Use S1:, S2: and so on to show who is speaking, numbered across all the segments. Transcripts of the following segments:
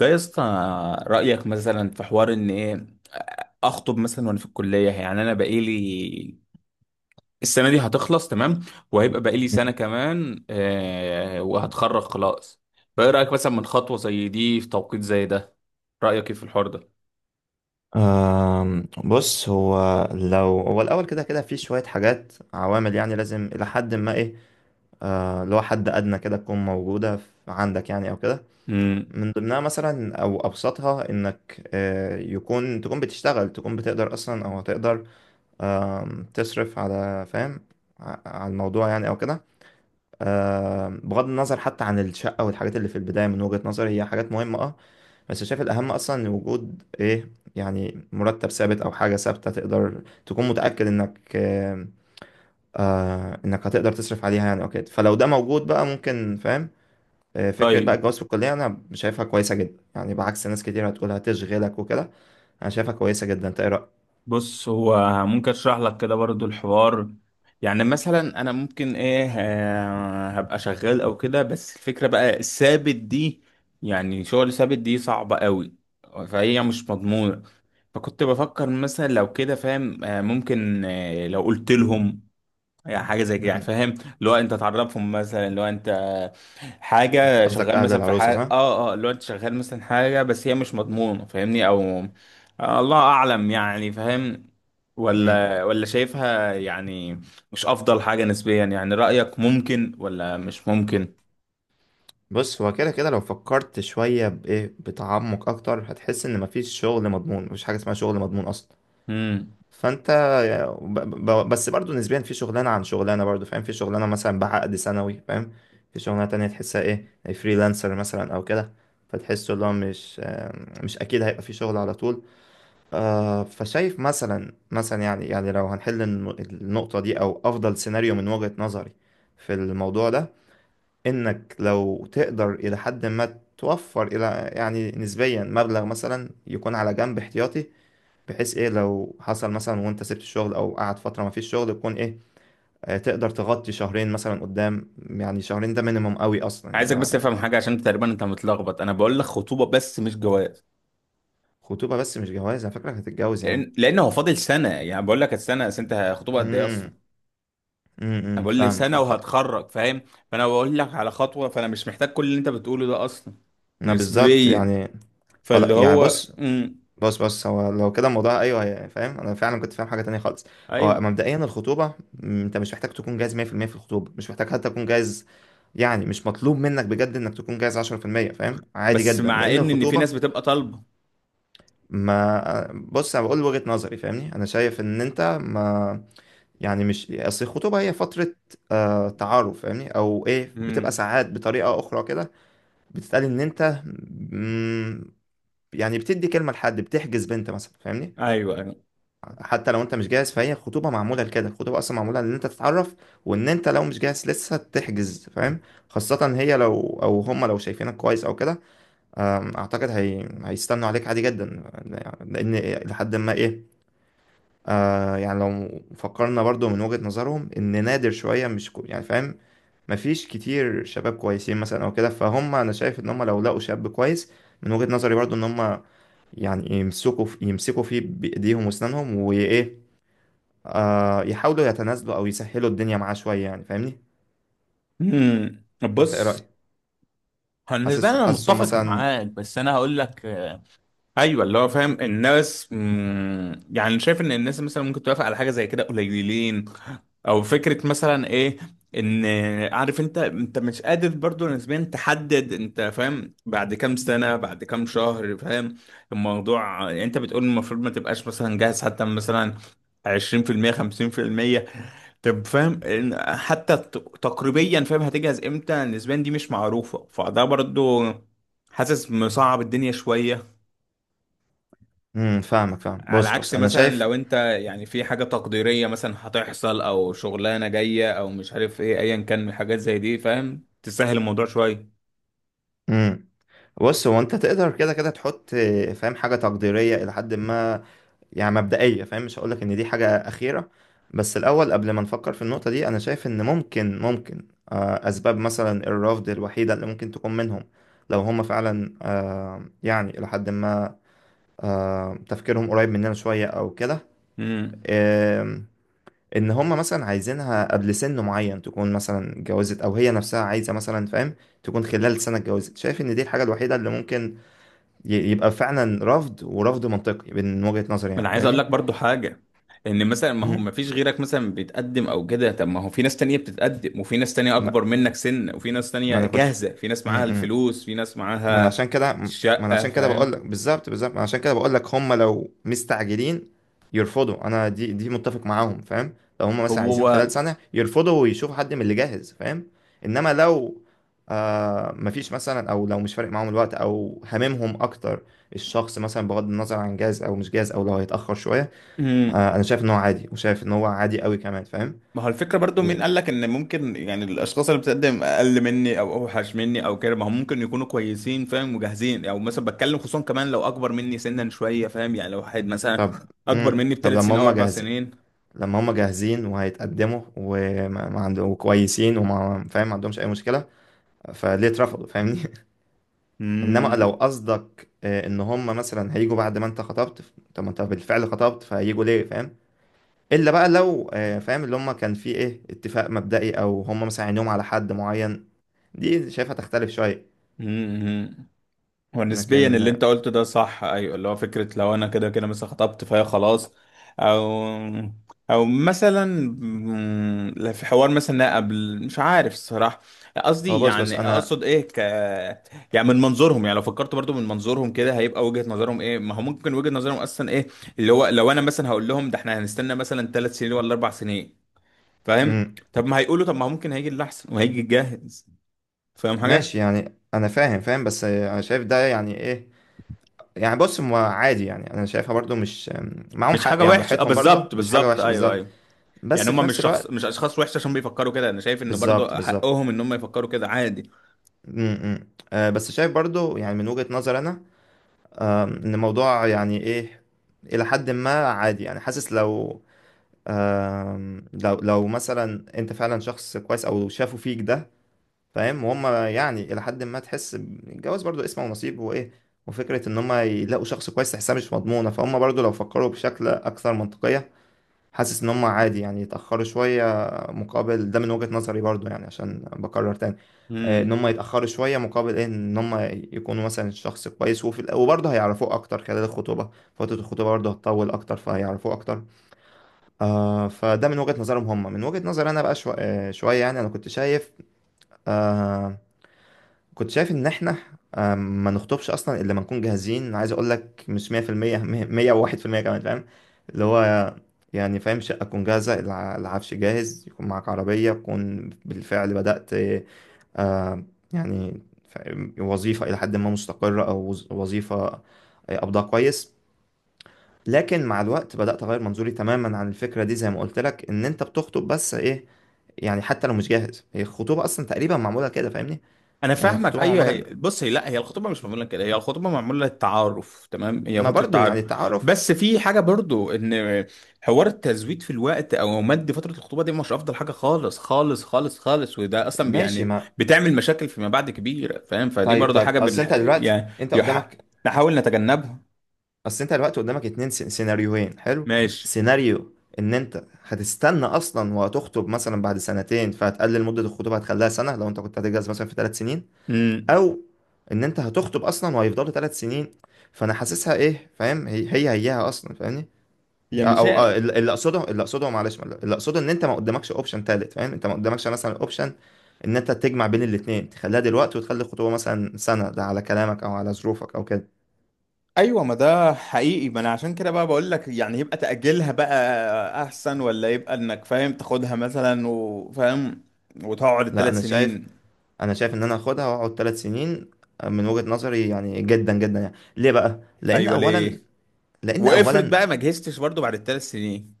S1: ده يا اسطى، رأيك مثلا في حوار ان ايه، اخطب مثلا وانا في الكلية؟ يعني انا بقالي السنة دي هتخلص، تمام، وهيبقى بقالي سنة كمان وهتخرج خلاص. فايه رأيك مثلا من خطوة زي دي في توقيت زي ده؟ رأيك ايه في الحوار ده؟
S2: بص هو لو هو الأول كده كده في شوية حاجات عوامل يعني لازم إلى حد ما إيه، اللي هو حد أدنى كده تكون موجودة عندك يعني أو كده.
S1: امم
S2: من ضمنها مثلا أو أبسطها إنك تكون بتشتغل، تكون بتقدر أصلا أو هتقدر تصرف على، فاهم، على الموضوع يعني أو كده. بغض النظر حتى عن الشقة والحاجات اللي في البداية، من وجهة نظري هي حاجات مهمة بس شايف الأهم أصلا إن وجود إيه يعني مرتب ثابت أو حاجة ثابتة تقدر تكون متأكد إنك إنك هتقدر تصرف عليها يعني أو كده. فلو ده موجود بقى، ممكن، فاهم، فكرة بقى
S1: طيب،
S2: الجواز في الكلية أنا شايفها كويسة جدا يعني، بعكس ناس كتير هتقول هتشغلك وكده. أنا شايفها كويسة جدا. أنت إيه رأيك؟
S1: بص هو ممكن اشرح لك كده برضو الحوار. يعني مثلا انا ممكن ايه هبقى شغال او كده، بس الفكرة بقى الثابت دي، يعني شغل ثابت دي صعبة قوي، فهي مش مضمونة. فكنت بفكر مثلا لو كده فاهم، ممكن لو قلت لهم يعني حاجه زي كده، يعني
S2: مم.
S1: فاهم، اللي هو انت تعرفهم مثلا، اللي هو انت حاجه
S2: قصدك
S1: شغال
S2: أهل
S1: مثلا في
S2: العروسة
S1: حاجه
S2: صح؟
S1: اللي هو انت شغال مثلا حاجه، بس هي مش مضمونه، فاهمني او... آه، الله اعلم يعني، فاهم،
S2: مم.
S1: ولا شايفها يعني مش افضل حاجه نسبيا، يعني رايك ممكن ولا مش ممكن؟
S2: بص هو كده كده لو فكرت شوية بإيه، بتعمق أكتر، هتحس إن مفيش شغل مضمون. مفيش حاجة اسمها شغل مضمون أصلا.
S1: امم
S2: فانت ب- بس برضو نسبيا في شغلانه عن شغلانه، برضو فاهم، في شغلانه مثلا بعقد سنوي فاهم، في شغلانه تانية تحسها ايه، فريلانسر مثلا او كده، فتحسه اللي هو مش اكيد هيبقى في شغل على طول. فشايف مثلا يعني لو هنحل النقطه دي، او افضل سيناريو من وجهه نظري في الموضوع ده، انك لو تقدر الى حد ما توفر، الى يعني نسبيا، مبلغ مثلا يكون على جنب احتياطي، بحيث ايه لو حصل مثلا وانت سبت الشغل او قعد فتره ما فيش شغل، يكون ايه تقدر تغطي شهرين مثلا قدام، يعني شهرين ده مينيمم قوي اصلا
S1: عايزك بس
S2: يعني.
S1: تفهم حاجه، عشان تقريبا انت متلخبط، انا بقول لك خطوبه بس مش جواز،
S2: خطوبه بس مش جواز؟ انا فاكرك هتتجوز يا عم.
S1: لان هو فاضل سنه، يعني بقول لك السنه بس، انت خطوبه قد ايه
S2: امم
S1: اصلا؟ انا بقول لي
S2: فاهمك
S1: سنه
S2: فاهم
S1: وهتخرج فاهم، فانا بقول لك على خطوه، فانا مش محتاج كل اللي انت بتقوله ده اصلا،
S2: انا بالظبط
S1: نسبيا.
S2: يعني، خلاص
S1: فاللي
S2: يعني
S1: هو
S2: بص. هو لو كده الموضوع، ايوه فاهم، انا فعلا كنت فاهم حاجه تانية خالص. هو
S1: ايوه،
S2: مبدئيا الخطوبه، انت مش محتاج تكون جاهز 100% في المية في الخطوبه، مش محتاج حتى تكون جاهز، يعني مش مطلوب منك بجد انك تكون جاهز 10%، فاهم عادي
S1: بس
S2: جدا،
S1: مع
S2: لان
S1: ان في
S2: الخطوبه،
S1: ناس بتبقى طالبه.
S2: ما بص انا بقول وجهة نظري فاهمني، انا شايف ان انت، ما يعني، مش اصل الخطوبة هي فترة تعارف فاهمني، او ايه، بتبقى
S1: امم.
S2: ساعات بطريقة اخرى كده، بتتقال ان انت مم، يعني بتدي كلمة لحد، بتحجز بنت مثلا فاهمني.
S1: ايوه، ايوه.
S2: حتى لو انت مش جاهز، فهي الخطوبة معمولة لكده، الخطوبة اصلا معمولة ان انت تتعرف، وان انت لو مش جاهز لسه تحجز فاهم. خاصة هي لو، او هم لو شايفينك كويس او كده، اعتقد هي هيستنوا عليك عادي جدا، لان لحد ما ايه، يعني لو فكرنا برضو من وجهة نظرهم ان نادر شوية مش يعني فاهم، مفيش كتير شباب كويسين مثلا او كده، فهم انا شايف ان هم لو لقوا شاب كويس، من وجهة نظري برضو، ان هم يعني يمسكوا فيه بايديهم واسنانهم، وايه، يحاولوا يتنازلوا او يسهلوا الدنيا معاه شوية يعني فاهمني.
S1: امم.
S2: انت ايه
S1: بص
S2: رأيك؟
S1: هو بالنسبه لي انا
S2: حاسسهم
S1: متفق
S2: مثلا.
S1: معاك، بس انا هقول لك ايوه، اللي هو فاهم الناس، يعني شايف ان الناس مثلا ممكن توافق على حاجه زي كده قليلين، او فكره مثلا ايه، ان عارف انت مش قادر برضو نسبيا تحدد انت فاهم بعد كام سنه، بعد كام شهر فاهم الموضوع. يعني انت بتقول المفروض ما تبقاش مثلا جاهز حتى مثلا 20% 50%، طب فاهم إن حتى تقريبيا فاهم هتجهز امتى نسبيا، دي مش معروفه، فده برضو حاسس مصعب الدنيا شويه،
S2: فاهمك فاهم
S1: على
S2: بص.
S1: عكس
S2: انا
S1: مثلا
S2: شايف.
S1: لو انت يعني في حاجة تقديرية مثلا هتحصل او شغلانة جاية او مش عارف ايه، ايا كان من الحاجات زي دي فاهم تسهل الموضوع شوية.
S2: امم بص هو انت تقدر كده كده تحط فاهم، حاجة تقديرية الى حد ما، يعني مبدئية فاهم، مش هقولك ان دي حاجة اخيرة. بس الاول قبل ما نفكر في النقطة دي، انا شايف ان ممكن، اسباب مثلا الرفض الوحيدة اللي ممكن تكون منهم، لو هم فعلا يعني الى حد ما تفكيرهم قريب مننا شوية او كده،
S1: امم.
S2: آم، ان هم مثلا عايزينها قبل سن معين تكون مثلا اتجوزت، او هي نفسها عايزة مثلا فاهم تكون خلال سنة اتجوزت. شايف ان دي الحاجة الوحيدة اللي ممكن يبقى فعلا رفض، ورفض منطقي من وجهة نظري
S1: انا
S2: يعني
S1: عايز اقول
S2: فاهمني.
S1: لك برضو حاجة، ان مثلا ما هو ما
S2: مم.
S1: فيش غيرك مثلا بيتقدم او كده، طب ما هو في ناس تانية بتتقدم، وفي ناس تانية اكبر منك سن، وفي ناس تانية
S2: ما انا كنت
S1: جاهزة، في ناس
S2: م-
S1: معاها
S2: م.
S1: الفلوس، في ناس
S2: ما انا عشان
S1: معاها
S2: كده،
S1: الشقة
S2: بقول
S1: فاهم.
S2: لك بالظبط، بالظبط، ما انا عشان كده بقول لك هم لو مستعجلين يرفضوا. انا دي، متفق معاهم فاهم، لو هم مثلا عايزين خلال
S1: هو
S2: سنة يرفضوا ويشوفوا حد من اللي جاهز فاهم. انما لو مفيش مثلا، او لو مش فارق معاهم الوقت، او هاممهم اكتر الشخص مثلا بغض النظر عن جاهز او مش جاهز، او لو هيتأخر شوية، انا شايف ان هو عادي، وشايف ان هو عادي قوي كمان فاهم.
S1: ما هو الفكرة برضو، مين
S2: و-
S1: قال لك ان ممكن يعني الاشخاص اللي بتقدم اقل مني او اوحش مني او كده، ما هم ممكن يكونوا كويسين فاهم وجاهزين، او مثلا بتكلم خصوصا كمان لو اكبر مني سنا شوية فاهم، يعني لو واحد مثلا
S2: طب،
S1: اكبر مني
S2: طب
S1: بثلاث
S2: لما
S1: سنين او
S2: هم
S1: اربع
S2: جاهزين،
S1: سنين
S2: لما هم جاهزين وهيتقدموا وما ما عند- وكويسين وما فاهم ما عندهمش اي مشكله، فليه اترفضوا فاهمني؟ انما لو قصدك ان هم مثلا هيجوا بعد ما انت خطبت، طب ما انت بالفعل خطبت فهيجوا ليه فاهم. الا بقى لو فاهم، اللي هم كان في ايه اتفاق مبدئي، او هم مثلا عينيهم على حد معين، دي شايفها تختلف شويه.
S1: امم هو نسبيا
S2: لكن
S1: اللي انت قلته ده صح، ايوه اللي هو فكره لو انا كده كده مثلا خطبت فهي خلاص، او او مثلا لا، في حوار مثلا قبل مش عارف الصراحه،
S2: هو
S1: قصدي
S2: بص.
S1: يعني
S2: انا
S1: اقصد ايه يعني من منظورهم، يعني لو فكرت برضو من منظورهم كده هيبقى وجهه نظرهم ايه؟ ما هو ممكن وجهه نظرهم اصلا ايه، اللي هو لو انا مثلا هقول لهم ده احنا هنستنى مثلا 3 سنين ولا 4 سنين فاهم،
S2: مم،
S1: طب ما هيقولوا طب ما هو ممكن هيجي اللي احسن وهيجي الجاهز فاهم
S2: ماشي
S1: حاجه.
S2: يعني انا فاهم بس انا شايف ده يعني ايه، يعني بص، ما عادي يعني، انا شايفها برضو مش معاهم
S1: مش
S2: حق،
S1: حاجه
S2: يعني
S1: وحشه، اه،
S2: براحتهم برضو
S1: بالظبط
S2: مش حاجه
S1: بالظبط،
S2: وحشه
S1: ايوه
S2: بالظبط.
S1: ايوه، يعني
S2: بس في
S1: هم مش
S2: نفس
S1: شخص، مش
S2: الوقت،
S1: اشخاص وحشه عشان بيفكروا كده، انا شايف ان برضو
S2: بالظبط بالظبط
S1: حقهم ان هم يفكروا كده، عادي.
S2: م- م. بس شايف برضو يعني، من وجهه نظر انا، ان الموضوع يعني ايه، الى حد ما عادي يعني، حاسس لو آم، لو لو مثلا انت فعلا شخص كويس او شافوا فيك ده فاهم، وهم يعني الى حد ما، تحس الجواز برضو اسمه ونصيب وايه، وفكره ان هم يلاقوا شخص كويس تحسها مش مضمونه، فهم برضو لو فكروا بشكل اكثر منطقيه، حاسس ان هم عادي يعني يتأخروا شوية مقابل ده. من وجهة نظري برضو، يعني عشان بكرر تاني، ان
S1: امم
S2: هم يتأخروا شوية مقابل ايه، ان هم يكونوا مثلا الشخص كويس، وفي وبرضه هيعرفوه اكتر خلال الخطوبة، فترة الخطوبة برضه هتطول اكتر فهيعرفوه اكتر. فده من وجهة نظرهم هم، من وجهة نظري انا بقى شو... آه، شوية، يعني انا كنت شايف، آه كنت شايف ان احنا ما نخطبش اصلا الا لما نكون جاهزين، عايز اقول لك مش 100% 101% كمان فاهم. اللي هو يعني فاهم، شقه تكون جاهزه، العفش جاهز، يكون معاك عربيه تكون بالفعل بدات آه، يعني فاهم، وظيفه الى حد ما مستقره، او وظيفه قبضها كويس. لكن مع الوقت بدات اغير منظوري تماما عن الفكره دي، زي ما قلت لك ان انت بتخطب بس ايه، يعني حتى لو مش جاهز هي الخطوبة أصلا تقريبا معمولة كده فاهمني.
S1: انا
S2: يعني
S1: فاهمك،
S2: الخطوبة
S1: ايوه.
S2: معمولة،
S1: هي بص، هي لا، هي الخطوبه مش معموله كده، هي الخطوبه معموله للتعارف، تمام، هي
S2: ما
S1: فتره
S2: برضو يعني
S1: تعارف،
S2: التعارف،
S1: بس في حاجه برضو، ان حوار التزويد في الوقت او مد فتره الخطوبه دي مش افضل حاجه، خالص خالص خالص خالص، وده اصلا
S2: ماشي
S1: يعني
S2: ما.
S1: بتعمل مشاكل فيما بعد كبيره فاهم، فدي
S2: طيب
S1: برضو حاجه
S2: طيب،
S1: يعني نحاول نتجنبها.
S2: اصل انت دلوقتي قدامك اتنين سيناريوهين، حلو.
S1: ماشي.
S2: سيناريو ان انت هتستنى اصلا وهتخطب مثلا بعد سنتين فهتقلل مدة الخطوبة، هتخليها سنة لو انت كنت هتتجوز مثلا في 3 سنين،
S1: امم.
S2: او ان انت هتخطب اصلا وهيفضلوا 3 سنين. فانا حاسسها ايه فاهم، هي هي هيها اصلا فاهمني،
S1: يعني مش،
S2: او اللي اللي اقصده اللي اقصده معلش اللي اقصده ان انت ما قدامكش اوبشن تالت فاهم، انت ما قدامكش مثلا اوبشن ان انت تجمع بين الاتنين، تخليها دلوقتي وتخلي الخطوبه مثلا سنه، ده على كلامك او على ظروفك او كده.
S1: ايوه، ما ده حقيقي، ما انا عشان كده بقى بقول لك، يعني يبقى تأجلها بقى احسن، ولا يبقى انك فاهم تاخدها مثلا وفاهم وتقعد
S2: لا
S1: الثلاث
S2: انا شايف،
S1: سنين؟
S2: ان انا هاخدها واقعد 3 سنين من وجهه نظري، يعني جدا جدا، يعني ليه بقى؟ لان
S1: ايوه،
S2: اولا،
S1: ليه؟
S2: لان
S1: وافرض
S2: اولا
S1: بقى ما جهزتش برضو بعد الثلاث سنين؟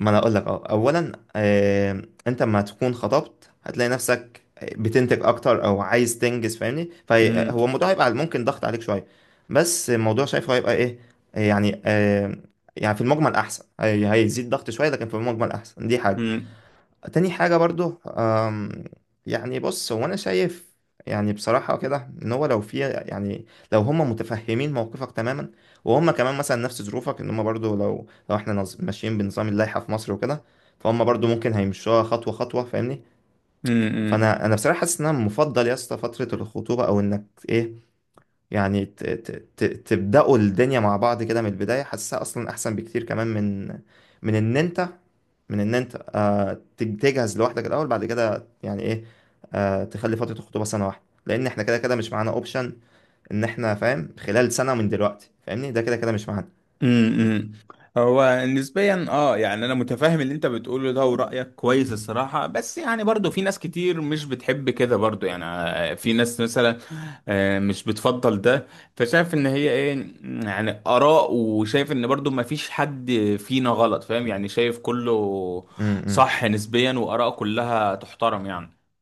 S2: ما انا اقول لك، اولا انت لما تكون خطبت هتلاقي نفسك بتنتج اكتر، او عايز تنجز فاهمني،
S1: امم.
S2: فهو الموضوع هيبقى ممكن ضغط عليك شويه، بس الموضوع شايفه هيبقى ايه، يعني يعني في المجمل احسن، هيزيد ضغط شويه لكن في المجمل احسن، دي حاجه.
S1: امم.
S2: تاني حاجة برضو، يعني بص هو أنا شايف، يعني بصراحة كده، إن هو لو في يعني، لو هم متفهمين موقفك تماما، وهم كمان مثلا نفس ظروفك، إن هم برضو لو إحنا ماشيين بنظام اللائحة في مصر وكده، فهم برضو ممكن هيمشوها خطوة خطوة فاهمني.
S1: امم، امم.
S2: فأنا بصراحة حاسس إن أنا مفضل يا اسطى فترة الخطوبة، أو إنك إيه، يعني تبدأوا الدنيا مع بعض كده من البداية، حاسسها أصلا أحسن بكتير كمان، من إن أنت من إن أنت تجهز لوحدك الأول، بعد كده يعني إيه، تخلي فترة الخطوبة سنة واحدة، لأن إحنا كده كده مش معانا أوبشن إن إحنا فاهم خلال سنة من دلوقتي فاهمني، ده كده كده مش معانا.
S1: امم. امم. هو نسبيا يعني انا متفاهم اللي انت بتقوله ده ورايك كويس الصراحه، بس يعني برضو في ناس كتير مش بتحب كده برضو، يعني في ناس مثلا مش بتفضل ده، فشايف ان هي ايه يعني اراء، وشايف ان برضو ما فيش حد فينا غلط فاهم، يعني شايف كله
S2: م- م.
S1: صح نسبيا، واراء كلها تحترم يعني